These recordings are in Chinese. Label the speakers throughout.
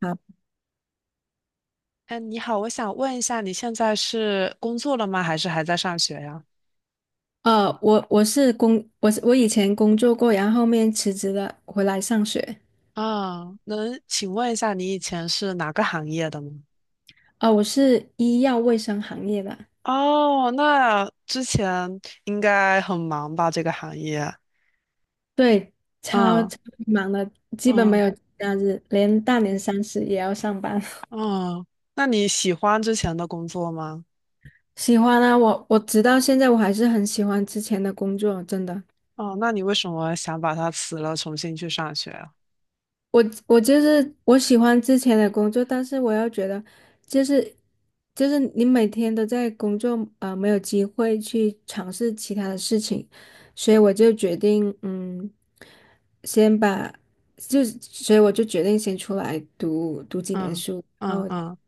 Speaker 1: 啊，
Speaker 2: 嗯，你好，我想问一下，你现在是工作了吗？还是还在上学呀？
Speaker 1: 我是我以前工作过，然后后面辞职了，回来上学。
Speaker 2: 啊，能请问一下，你以前是哪个行业的吗？
Speaker 1: 我是医药卫生行业的。
Speaker 2: 哦，那之前应该很忙吧，这个行业。
Speaker 1: 对，超
Speaker 2: 嗯
Speaker 1: 超忙的，基本没
Speaker 2: 嗯
Speaker 1: 有节假日，连大年三十也要上班。
Speaker 2: 嗯。那你喜欢之前的工作吗？
Speaker 1: 喜欢啊，我直到现在我还是很喜欢之前的工作，真的。
Speaker 2: 哦，那你为什么想把它辞了，重新去上学啊？
Speaker 1: 我我就是我喜欢之前的工作，但是我又觉得，就是你每天都在工作，啊，没有机会去尝试其他的事情，所以我就决定，先把，所以我就决定先出来读几年
Speaker 2: 嗯
Speaker 1: 书，然
Speaker 2: 嗯
Speaker 1: 后
Speaker 2: 嗯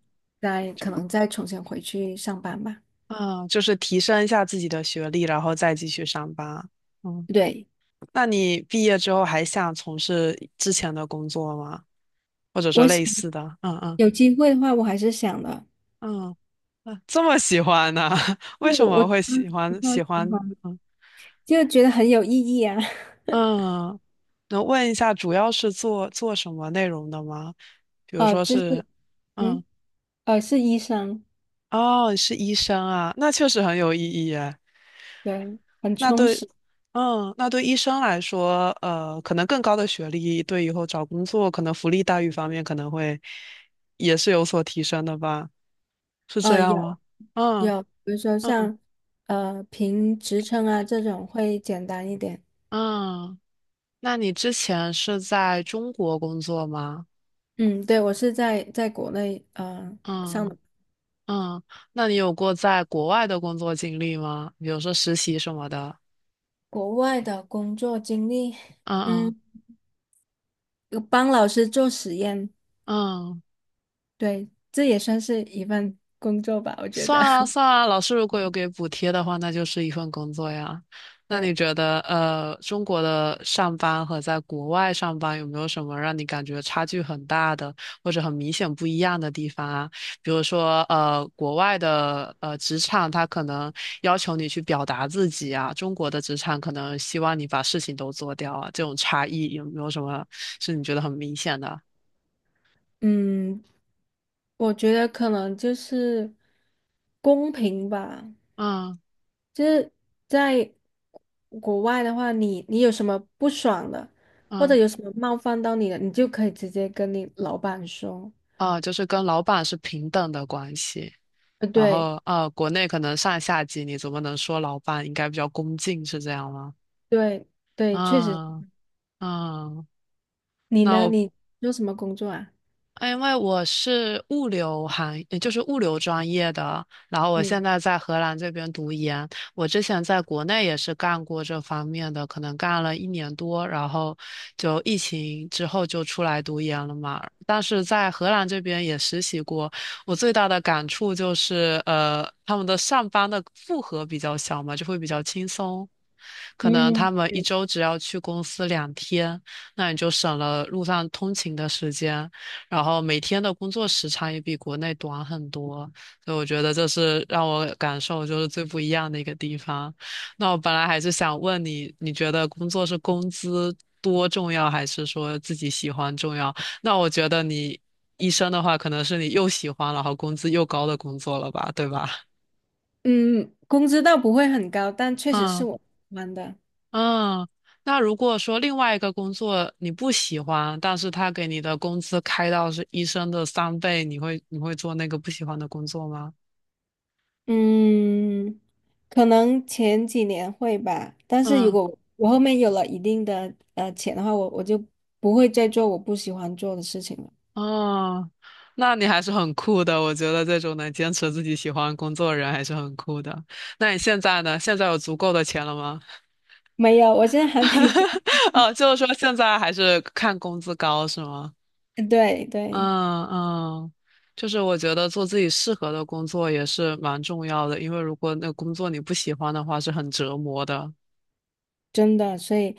Speaker 1: 再可能再重新回去上班吧。
Speaker 2: 嗯。就是提升一下自己的学历，然后再继续上班。嗯。
Speaker 1: 对，
Speaker 2: 那你毕业之后还想从事之前的工作吗？或者说
Speaker 1: 我想
Speaker 2: 类似的？嗯嗯
Speaker 1: 有机会的话，我还是想的。
Speaker 2: 嗯嗯。这么喜欢呢？
Speaker 1: 因
Speaker 2: 为
Speaker 1: 为
Speaker 2: 什
Speaker 1: 我
Speaker 2: 么会
Speaker 1: 当
Speaker 2: 喜
Speaker 1: 时不
Speaker 2: 欢
Speaker 1: 太
Speaker 2: 喜
Speaker 1: 喜欢，
Speaker 2: 欢？嗯
Speaker 1: 就觉得很有意义啊。
Speaker 2: 嗯。能问一下主要是做做什么内容的吗？比 如
Speaker 1: 哦，
Speaker 2: 说
Speaker 1: 就是。
Speaker 2: 是，
Speaker 1: 嗯。
Speaker 2: 嗯，
Speaker 1: 是医生。
Speaker 2: 哦，是医生啊，那确实很有意义耶。
Speaker 1: 对，很
Speaker 2: 那
Speaker 1: 充
Speaker 2: 对，
Speaker 1: 实。
Speaker 2: 嗯，那对医生来说，可能更高的学历对以后找工作，可能福利待遇方面可能会也是有所提升的吧？是这
Speaker 1: 呃，
Speaker 2: 样
Speaker 1: 有
Speaker 2: 吗？嗯
Speaker 1: 有，比如说
Speaker 2: 嗯
Speaker 1: 像评职称啊这种会简单一点。
Speaker 2: 嗯。那你之前是在中国工作吗？
Speaker 1: 嗯，对，我是在国内上的。
Speaker 2: 嗯嗯。那你有过在国外的工作经历吗？比如说实习什么的？
Speaker 1: 国外的工作经历，
Speaker 2: 嗯嗯
Speaker 1: 嗯，有帮老师做实验。
Speaker 2: 嗯。
Speaker 1: 对，这也算是一份工作吧，我觉
Speaker 2: 算
Speaker 1: 得。
Speaker 2: 啊 算啊，老师如果有给补贴的话，那就是一份工作呀。那你
Speaker 1: 对。
Speaker 2: 觉得，中国的上班和在国外上班有没有什么让你感觉差距很大的，或者很明显不一样的地方啊？比如说，国外的职场，它可能要求你去表达自己啊，中国的职场可能希望你把事情都做掉啊，这种差异有没有什么是你觉得很明显的？
Speaker 1: 嗯，我觉得可能就是公平吧。
Speaker 2: 嗯
Speaker 1: 就是在国外的话，你你有什么不爽的，或者
Speaker 2: 嗯。
Speaker 1: 有什么冒犯到你的，你就可以直接跟你老板说。
Speaker 2: 啊，就是跟老板是平等的关系。然
Speaker 1: 对
Speaker 2: 后国内可能上下级你怎么能说老板应该比较恭敬是这样吗？
Speaker 1: 对对，确实。
Speaker 2: 啊啊。
Speaker 1: 你
Speaker 2: 那
Speaker 1: 呢？
Speaker 2: 我
Speaker 1: 你做什么工作啊？
Speaker 2: 因为我是物流行，呃就是物流专业的，然后我
Speaker 1: 嗯
Speaker 2: 现在在荷兰这边读研。我之前在国内也是干过这方面的，可能干了一年多，然后就疫情之后就出来读研了嘛。但是在荷兰这边也实习过，我最大的感触就是，他们的上班的负荷比较小嘛，就会比较轻松。可能
Speaker 1: 嗯
Speaker 2: 他们一
Speaker 1: 对。
Speaker 2: 周只要去公司2天，那你就省了路上通勤的时间。然后每天的工作时长也比国内短很多，所以我觉得这是让我感受就是最不一样的一个地方。那我本来还是想问你，你觉得工作是工资多重要，还是说自己喜欢重要？那我觉得你医生的话，可能是你又喜欢，然后工资又高的工作了吧，对吧？
Speaker 1: 嗯，工资倒不会很高，但确实是
Speaker 2: 嗯
Speaker 1: 我喜欢的。
Speaker 2: 嗯。那如果说另外一个工作你不喜欢，但是他给你的工资开到是医生的3倍，你会做那个不喜欢的工作吗？
Speaker 1: 嗯，可能前几年会吧，但是如
Speaker 2: 嗯，
Speaker 1: 果我后面有了一定的钱的话，我就不会再做我不喜欢做的事情了。
Speaker 2: 哦，那你还是很酷的。我觉得这种能坚持自己喜欢的工作的人还是很酷的。那你现在呢？现在有足够的钱了吗？
Speaker 1: 没有，我现在还没毕，
Speaker 2: 哦，就是说现在还是看工资高是吗？
Speaker 1: 对对。
Speaker 2: 嗯嗯。就是我觉得做自己适合的工作也是蛮重要的，因为如果那个工作你不喜欢的话，是很折磨的。
Speaker 1: 真的，所以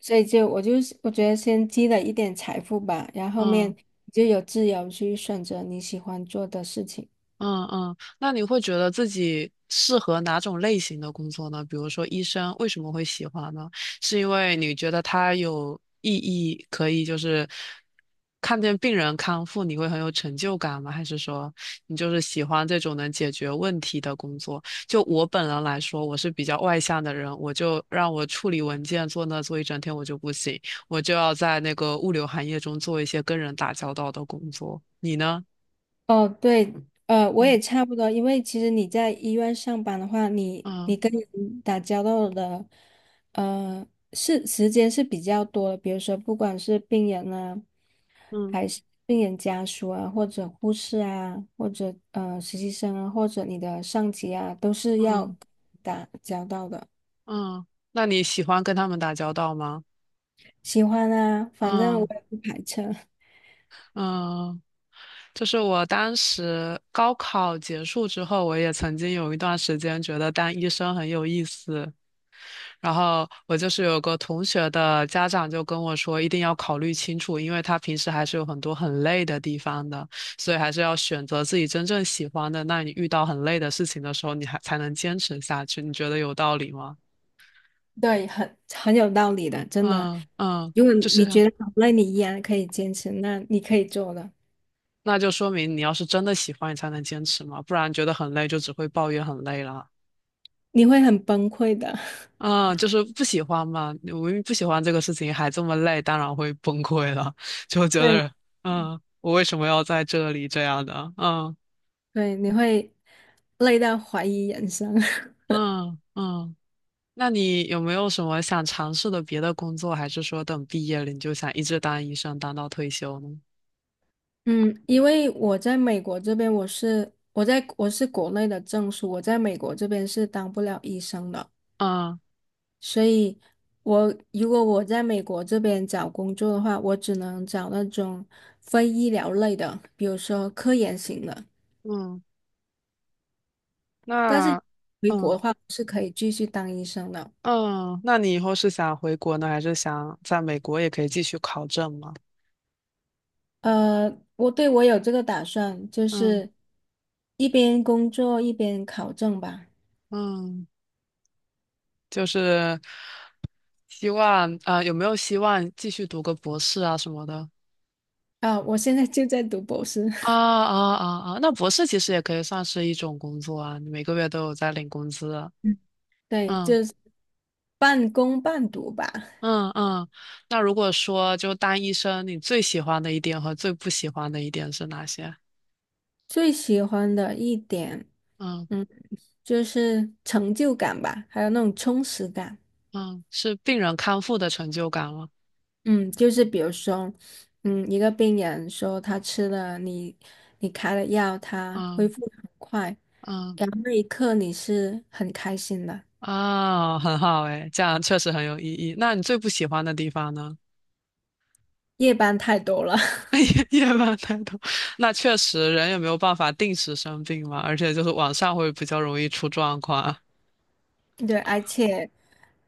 Speaker 1: 所以就我觉得先积累一点财富吧，然后后面
Speaker 2: 嗯。
Speaker 1: 你就有自由去选择你喜欢做的事情。
Speaker 2: 嗯嗯。那你会觉得自己适合哪种类型的工作呢？比如说医生，为什么会喜欢呢？是因为你觉得它有意义，可以就是看见病人康复，你会很有成就感吗？还是说你就是喜欢这种能解决问题的工作？就我本人来说，我是比较外向的人，我就让我处理文件坐那坐一整天，我就不行，我就要在那个物流行业中做一些跟人打交道的工作。你呢？
Speaker 1: 哦，对，我
Speaker 2: 嗯
Speaker 1: 也差不多，因为其实你在医院上班的话，你
Speaker 2: 嗯。
Speaker 1: 你跟人打交道的呃，是时间是比较多的。比如说不管是病人啊，
Speaker 2: 嗯
Speaker 1: 还是病人家属啊，或者护士啊，或者实习生啊，或者你的上级啊，都是要
Speaker 2: 嗯
Speaker 1: 打交道的。
Speaker 2: 嗯。那你喜欢跟他们打交道吗？
Speaker 1: 喜欢啊，反正我
Speaker 2: 嗯
Speaker 1: 也不排斥。
Speaker 2: 嗯。就是我当时高考结束之后，我也曾经有一段时间觉得当医生很有意思，然后我就是有个同学的家长就跟我说，一定要考虑清楚，因为他平时还是有很多很累的地方的，所以还是要选择自己真正喜欢的。那你遇到很累的事情的时候，你还才能坚持下去。你觉得有道理吗？
Speaker 1: 对，很很有道理的，真的。
Speaker 2: 嗯嗯，
Speaker 1: 如果
Speaker 2: 就
Speaker 1: 你
Speaker 2: 是。
Speaker 1: 觉得好累，你依然可以坚持，那你可以做的。
Speaker 2: 那就说明你要是真的喜欢，你才能坚持嘛，不然觉得很累，就只会抱怨很累了。
Speaker 1: 你会很崩溃的。
Speaker 2: 嗯，就是不喜欢嘛，我明明不喜欢这个事情，还这么累，当然会崩溃了，就觉
Speaker 1: 对
Speaker 2: 得，嗯，我为什么要在这里这样的？嗯
Speaker 1: 对，你会累到怀疑人生。
Speaker 2: 嗯嗯。那你有没有什么想尝试的别的工作，还是说等毕业了你就想一直当医生，当到退休呢？
Speaker 1: 嗯，因为我在美国这边，我是国内的证书，我在美国这边是当不了医生的，
Speaker 2: 嗯
Speaker 1: 所以如果我在美国这边找工作的话，我只能找那种非医疗类的，比如说科研型的。
Speaker 2: 嗯。
Speaker 1: 但是。
Speaker 2: 那嗯
Speaker 1: 是可以继续当医生的。
Speaker 2: 嗯。那你以后是想回国呢，还是想在美国也可以继续考证吗？
Speaker 1: 我我有这个打算，就
Speaker 2: 嗯
Speaker 1: 是一边工作一边考证吧。
Speaker 2: 嗯。就是希望啊、呃有没有希望继续读个博士啊什么的？
Speaker 1: 啊，我现在就在读博士。
Speaker 2: 啊啊啊啊！那博士其实也可以算是一种工作啊，你每个月都有在领工资。
Speaker 1: 嗯对，
Speaker 2: 嗯
Speaker 1: 就是半工半读吧。
Speaker 2: 嗯嗯。那如果说就当医生，你最喜欢的一点和最不喜欢的一点是哪些？
Speaker 1: 最喜欢的一点，
Speaker 2: 嗯
Speaker 1: 嗯，就是成就感吧，还有那种充实感。
Speaker 2: 嗯。是病人康复的成就感吗？
Speaker 1: 嗯，就是比如说，嗯，一个病人说他吃了你开的药，他恢
Speaker 2: 嗯
Speaker 1: 复得很快，
Speaker 2: 嗯。
Speaker 1: 然后那一刻你是很开心的。
Speaker 2: 啊，很好诶，这样确实很有意义。那你最不喜欢的地方呢？
Speaker 1: 夜班太多了。
Speaker 2: 夜班太多，那确实人也没有办法定时生病嘛，而且就是晚上会比较容易出状况。
Speaker 1: 对，而且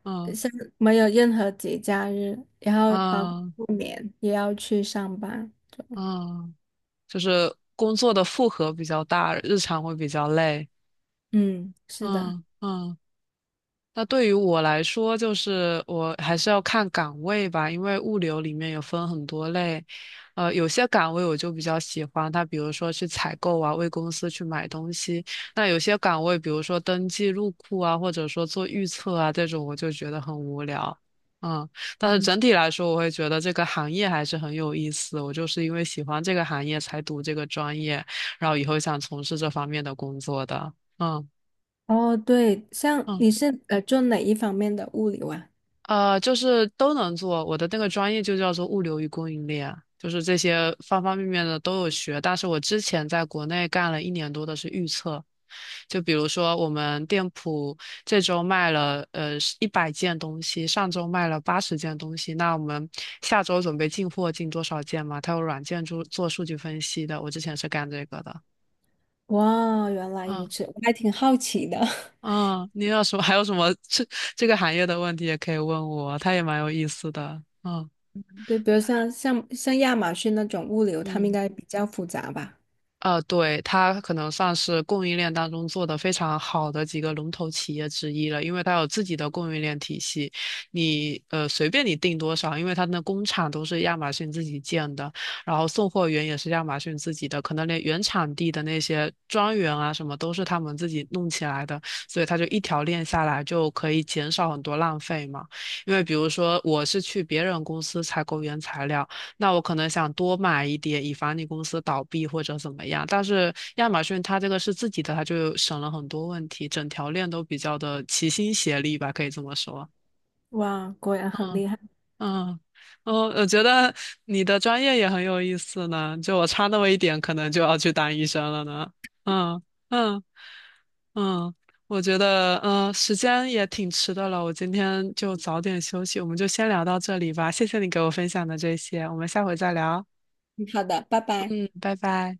Speaker 2: 嗯
Speaker 1: 像没有任何节假日，然后包括
Speaker 2: 嗯
Speaker 1: 过年也要去上班。
Speaker 2: 嗯。就是工作的负荷比较大，日常会比较累。
Speaker 1: 嗯，是的。
Speaker 2: 嗯嗯。那对于我来说，就是我还是要看岗位吧，因为物流里面有分很多类，有些岗位我就比较喜欢它，比如说去采购啊，为公司去买东西；那有些岗位，比如说登记入库啊，或者说做预测啊，这种我就觉得很无聊。嗯，但是
Speaker 1: 嗯，
Speaker 2: 整体来说，我会觉得这个行业还是很有意思。我就是因为喜欢这个行业才读这个专业，然后以后想从事这方面的工作的。嗯。
Speaker 1: 哦，对，像
Speaker 2: 嗯。
Speaker 1: 你是做哪一方面的物流啊？
Speaker 2: 就是都能做。我的那个专业就叫做物流与供应链，就是这些方方面面的都有学。但是我之前在国内干了一年多的是预测，就比如说我们店铺这周卖了100件东西，上周卖了80件东西，那我们下周准备进货进多少件嘛？它有软件做做数据分析的，我之前是干这个的。
Speaker 1: 哇，原来如
Speaker 2: 嗯
Speaker 1: 此，我还挺好奇的。
Speaker 2: 嗯。你有什么 还有什么这个行业的问题也可以问我，他也蛮有意思的。嗯
Speaker 1: 对，比如像亚马逊那种物流，他们应
Speaker 2: 嗯。
Speaker 1: 该比较复杂吧？
Speaker 2: 对，它可能算是供应链当中做的非常好的几个龙头企业之一了，因为它有自己的供应链体系，你随便你订多少，因为它的工厂都是亚马逊自己建的，然后送货员也是亚马逊自己的，可能连原产地的那些庄园啊什么都是他们自己弄起来的，所以它就一条链下来就可以减少很多浪费嘛。因为比如说我是去别人公司采购原材料。那我可能想多买一点，以防你公司倒闭或者怎么样。但是亚马逊它这个是自己的，它就省了很多问题，整条链都比较的齐心协力吧，可以这么说。
Speaker 1: 哇，果然很厉害。
Speaker 2: 嗯，哦，我觉得你的专业也很有意思呢，就我差那么一点，可能就要去当医生了呢。嗯嗯嗯。我觉得时间也挺迟的了，我今天就早点休息，我们就先聊到这里吧。谢谢你给我分享的这些，我们下回再聊。
Speaker 1: 嗯好的，拜拜。
Speaker 2: 嗯，拜拜。